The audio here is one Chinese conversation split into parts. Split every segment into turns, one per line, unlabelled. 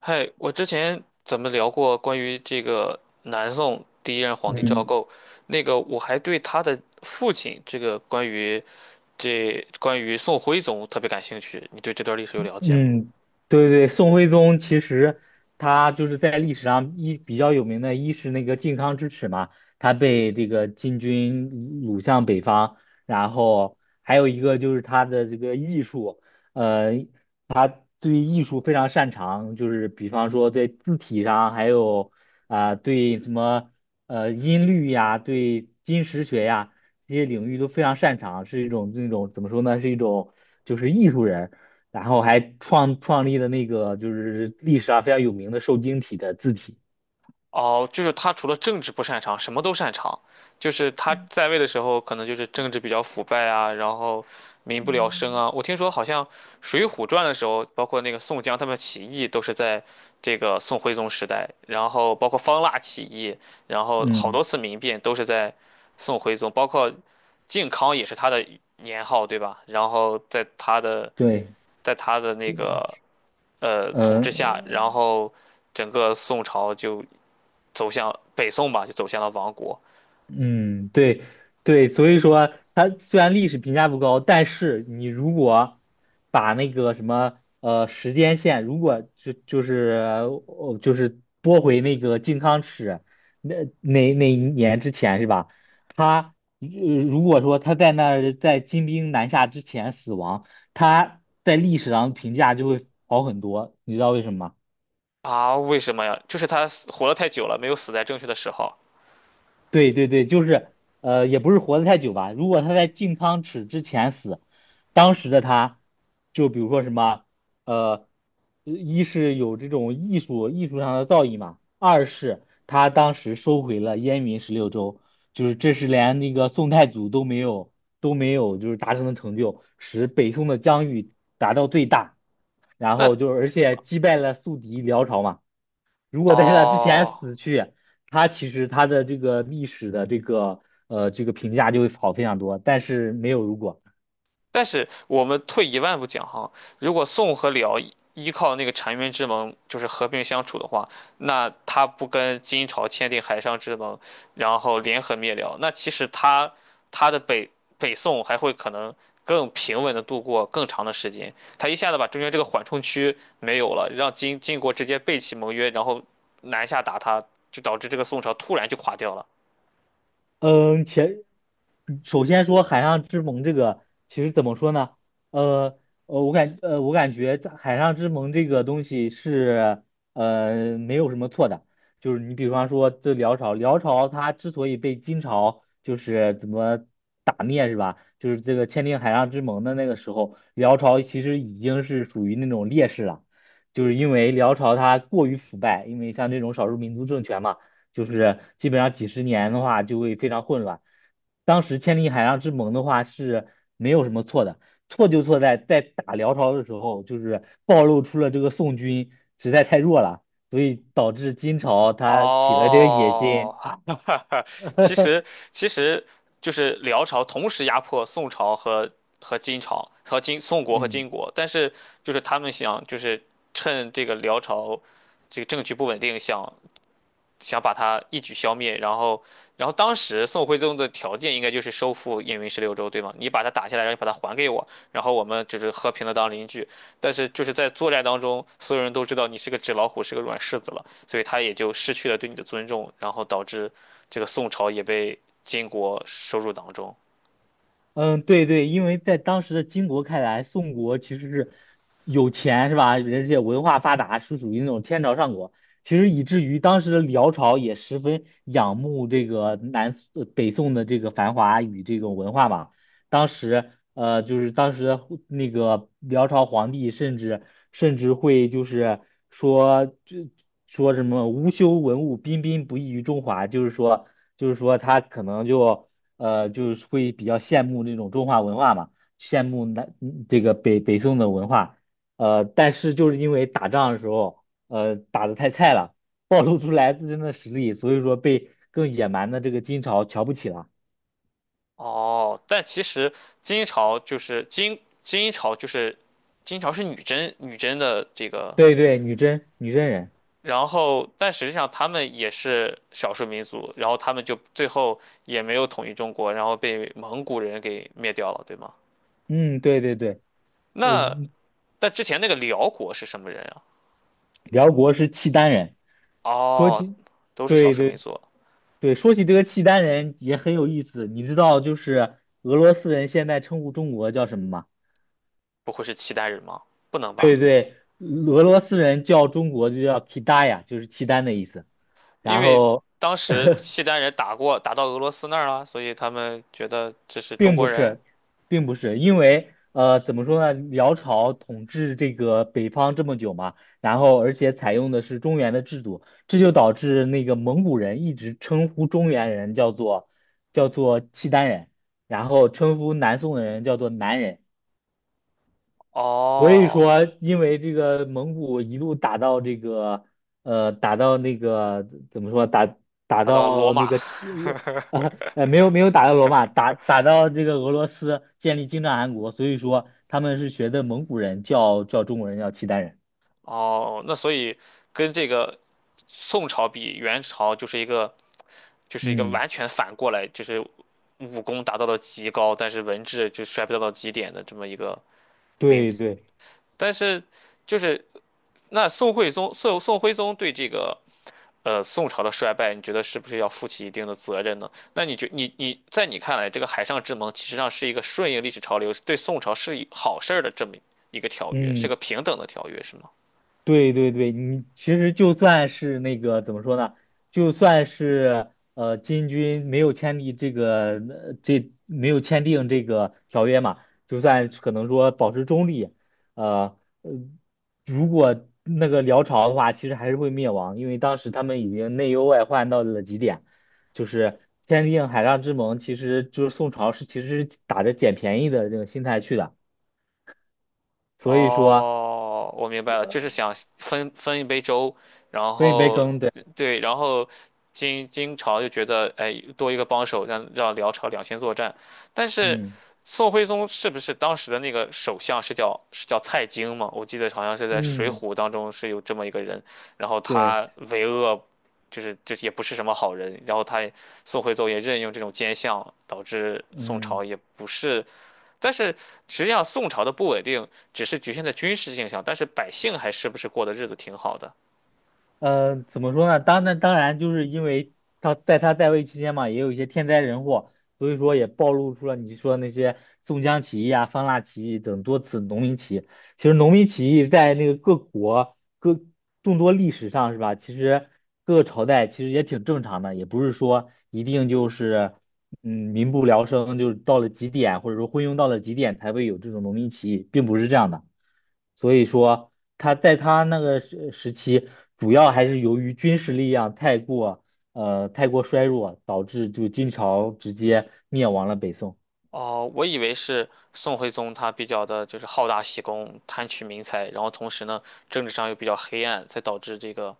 嗨，我之前咱们聊过关于这个南宋第一任皇帝赵
嗯
构，那个我还对他的父亲这个这关于宋徽宗特别感兴趣，你对这段历史有了解吗？
嗯，对对，宋徽宗其实他就是在历史上比较有名的，一是那个靖康之耻嘛，他被这个金军掳向北方，然后还有一个就是他的这个艺术，呃，他对艺术非常擅长，就是比方说在字体上，还有啊、对什么呃音律呀，对金石学呀这些领域都非常擅长，是一种那种怎么说呢，是一种就是艺术人。然后还创立了那个就是历史上非常有名的瘦金体的字体。
哦，就是他除了政治不擅长，什么都擅长。就是他
嗯
在位的时候，可能就是政治比较腐败啊，然后民不聊生啊。我听说好像《水浒传》的时候，包括那个宋江他们起义，都是在这个宋徽宗时代，然后包括方腊起义，然后好
嗯，
多次民变都是在宋徽宗，包括靖康也是他的年号，对吧？然后在他的
对，
在他的那个统治
嗯、
下，然后整个宋朝就，走向北宋吧，就走向了亡国。
嗯，对对，所以说它虽然历史评价不高，但是你如果把那个什么时间线，如果就是拨回那个靖康耻那那一年之前是吧？他如果说他在那儿在金兵南下之前死亡，他在历史上评价就会好很多，你知道为什么吗？
啊？为什么呀？就是他死活得太久了，没有死在正确的时候。
对对对，就是也不是活得太久吧。如果他在进汤匙之前死，当时的他，就比如说什么，呃，一是有这种艺术上的造诣嘛，二是他当时收回了燕云十六州，就是这是连那个宋太祖都没有就是达成的成就，使北宋的疆域达到最大，然
那
后就是而且击败了宿敌辽朝嘛。如果在他之前
哦，
死去，他其实他的这个历史的这个这个评价就会好非常多，但是没有如果。
但是我们退一万步讲哈，如果宋和辽依靠那个澶渊之盟就是和平相处的话，那他不跟金朝签订海上之盟，然后联合灭辽，那其实他的北宋还会可能更平稳的度过更长的时间。他一下子把中间这个缓冲区没有了，让金国直接背弃盟约，然后南下打他，就导致这个宋朝突然就垮掉了。
嗯，前首先说海上之盟这个，其实怎么说呢？呃我感觉在海上之盟这个东西是没有什么错的，就是你比方说这辽朝，辽朝它之所以被金朝就是怎么打灭是吧？就是这个签订海上之盟的那个时候，辽朝其实已经是属于那种劣势了，就是因为辽朝它过于腐败，因为像这种少数民族政权嘛。就是基本上几十年的话就会非常混乱。当时千里海上之盟的话是没有什么错的，错就错在在打辽朝的时候，就是暴露出了这个宋军实在太弱了，所以导致金朝他起了这个野
哦，
心。
其实其实就是辽朝同时压迫宋朝和金朝和金宋国和
嗯。
金国，但是就是他们想就是趁这个辽朝这个政局不稳定，想把他一举消灭，然后，当时宋徽宗的条件应该就是收复燕云十六州，对吗？你把它打下来，然后你把它还给我，然后我们就是和平的当邻居。但是就是在作战当中，所有人都知道你是个纸老虎，是个软柿子了，所以他也就失去了对你的尊重，然后导致这个宋朝也被金国收入囊中。
嗯，对对，因为在当时的金国看来，宋国其实是有钱是吧？而且文化发达，是属于那种天朝上国。其实以至于当时的辽朝也十分仰慕这个北宋的这个繁华与这种文化嘛，就是当时的那个辽朝皇帝，甚至会就是说这说什么“无修文物，彬彬不异于中华”，就是说他可能就就是会比较羡慕那种中华文化嘛，羡慕这个北宋的文化，但是就是因为打仗的时候打的太菜了，暴露出来自身的实力，所以说被更野蛮的这个金朝瞧不起了。
哦，但其实金朝就是金朝就是金朝是女真的这个
对对，女真女真人。
然后，但实际上他们也是少数民族，然后他们就最后也没有统一中国，然后被蒙古人给灭掉了，对吗？
嗯，对对对，呃，
那但之前那个辽国是什么人啊？
辽国是契丹人。说
哦，
起，
都是少
对
数
对
民族，
对，说起这个契丹人也很有意思。你知道，就是俄罗斯人现在称呼中国叫什么吗？
不会是契丹人吗？不能吧，
对对，俄罗斯人叫中国就叫 k i d a y a 就是契丹的意思。
因
然
为
后
当时契丹人打过，打到俄罗斯那儿了，所以他们觉得这是中
并不
国人。
是，并不是，因为怎么说呢？辽朝统治这个北方这么久嘛，然后而且采用的是中原的制度，这就导致那个蒙古人一直称呼中原人叫做契丹人，然后称呼南宋的人叫做南人。所以
哦，
说，因为这个蒙古一路打到这个，打到那个怎么说，打打
打到罗
到那
马，
个罗啊 呃，没有没有打到罗马，打到这个俄罗斯建立金帐汗国，所以说他们是学的蒙古人叫中国人叫契丹人。
哦，那所以跟这个宋朝比，元朝就是一个
嗯，
完全反过来，就是武功达到了极高，但是文治就衰败到了极点的这么一个民
对
族。
对，
但是就是那宋徽宗对这个宋朝的衰败，你觉得是不是要负起一定的责任呢？那你觉你你在你看来，这个海上之盟其实上是一个顺应历史潮流，对宋朝是一好事儿的这么一个条约，是
嗯。
个平等的条约，是吗？
对对对，你其实就算是那个怎么说呢，就算是金军没有签订这个没有签订这个条约嘛，就算是可能说保持中立，呃呃，如果那个辽朝的话，其实还是会灭亡，因为当时他们已经内忧外患到了极点，就是签订海上之盟，其实宋朝其实是打着捡便宜的这个心态去的，所以说
哦，我明白了，就是
呃
想分一杯粥，然
分一杯
后
羹，对，
对，然后金朝就觉得，哎，多一个帮手，让辽朝两线作战。但是
嗯。
宋徽宗是不是当时的那个首相是叫蔡京嘛？我记得好像是在《水浒》
嗯，
当中是有这么一个人，然后
对，
他为恶，就是也不是什么好人，然后宋徽宗也任用这种奸相，导致宋
嗯，
朝也不是。但是实际上宋朝的不稳定只是局限在军事性上，但是百姓还是不是过的日子挺好的。
怎么说呢？当然，当然，就是因为他在位期间嘛，也有一些天灾人祸，所以说也暴露出了你说那些宋江起义啊、方腊起义等多次农民起义。其实农民起义在那个各国各众多历史上是吧？其实各个朝代其实也挺正常的，也不是说一定就是民不聊生，就是到了极点，或者说昏庸到了极点才会有这种农民起义，并不是这样的。所以说他在他那个时期，主要还是由于军事力量太过衰弱，导致就金朝直接灭亡了北宋。
哦，我以为是宋徽宗他比较的就是好大喜功、贪取民财，然后同时呢政治上又比较黑暗，才导致这个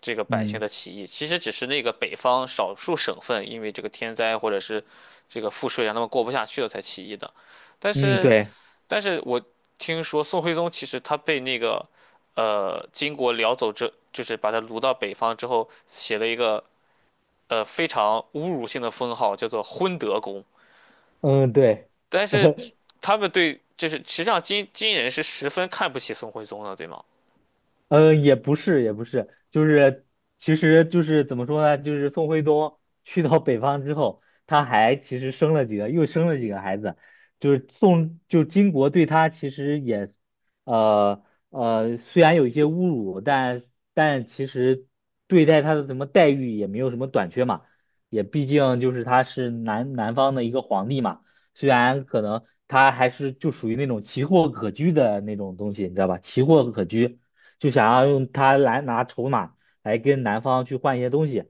这个百姓
嗯
的起义。其实只是那个北方少数省份因为这个天灾或者是这个赋税让他们过不下去了才起义的，但
嗯，
是。
对，
但是我听说宋徽宗其实他被那个金国辽走之，就是把他掳到北方之后，写了一个非常侮辱性的封号，叫做昏德公。
嗯对。
但是他们对，就是实际上金人是十分看不起宋徽宗的，对吗？
嗯，也不是，也不是，就是，其实就是怎么说呢？就是宋徽宗去到北方之后，他其实生了几个孩子，就是宋，就金国对他其实也，呃虽然有一些侮辱，但但其实对待他的什么待遇也没有什么短缺嘛，也毕竟就是他是南方的一个皇帝嘛，虽然可能他还是就属于那种奇货可居的那种东西，你知道吧？奇货可居。就想要用他来拿筹码来跟男方去换一些东西，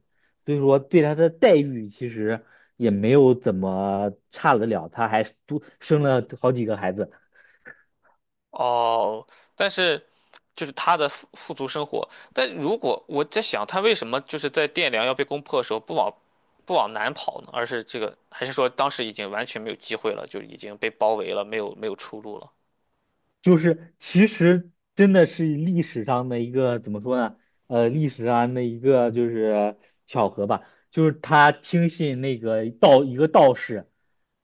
所以说对他的待遇其实也没有怎么差得了，他还多生了好几个孩子。
哦，但是就是他的富足生活，但如果我在想，他为什么就是在汴梁要被攻破的时候不往南跑呢？而是这个，还是说当时已经完全没有机会了，就已经被包围了，没有出路了？
就是其实真的是历史上的一个怎么说呢？历史上的一个就是巧合吧，就是他听信那个道一个道士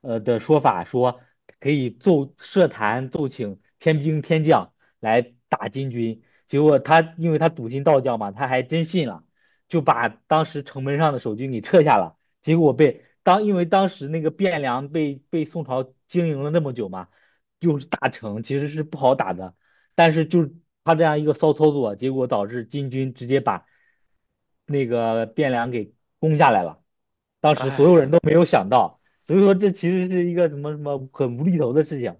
的说法，说可以设坛奏请天兵天将来打金军，结果他因为他笃信道教嘛，他还真信了，就把当时城门上的守军给撤下了，结果被当因为当时那个汴梁被宋朝经营了那么久嘛。就是大城其实是不好打的，但是就是他这样一个骚操作，结果导致金军直接把那个汴梁给攻下来了。当时所有
唉，
人都没有想到，所以说这其实是一个什么什么很无厘头的事情。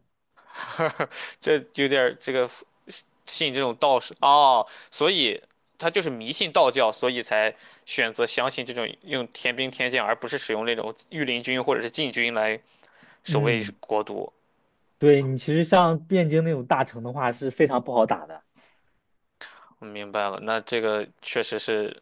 这有点儿这个信这种道士哦，所以他就是迷信道教，所以才选择相信这种用天兵天将，而不是使用那种御林军或者是禁军来守卫
嗯，
国都。
对你其实像汴京那种大城的话是非常不好打的。
我明白了，那这个确实是，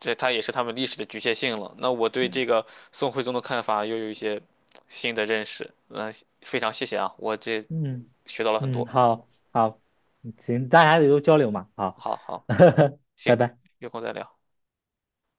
这它也是他们历史的局限性了。那我对这个宋徽宗的看法又有一些新的认识。嗯，非常谢谢啊，我这
嗯
学到了很多。
好好，大家也都交流嘛，好，
好好，嗯 行，
拜拜。
有空再聊。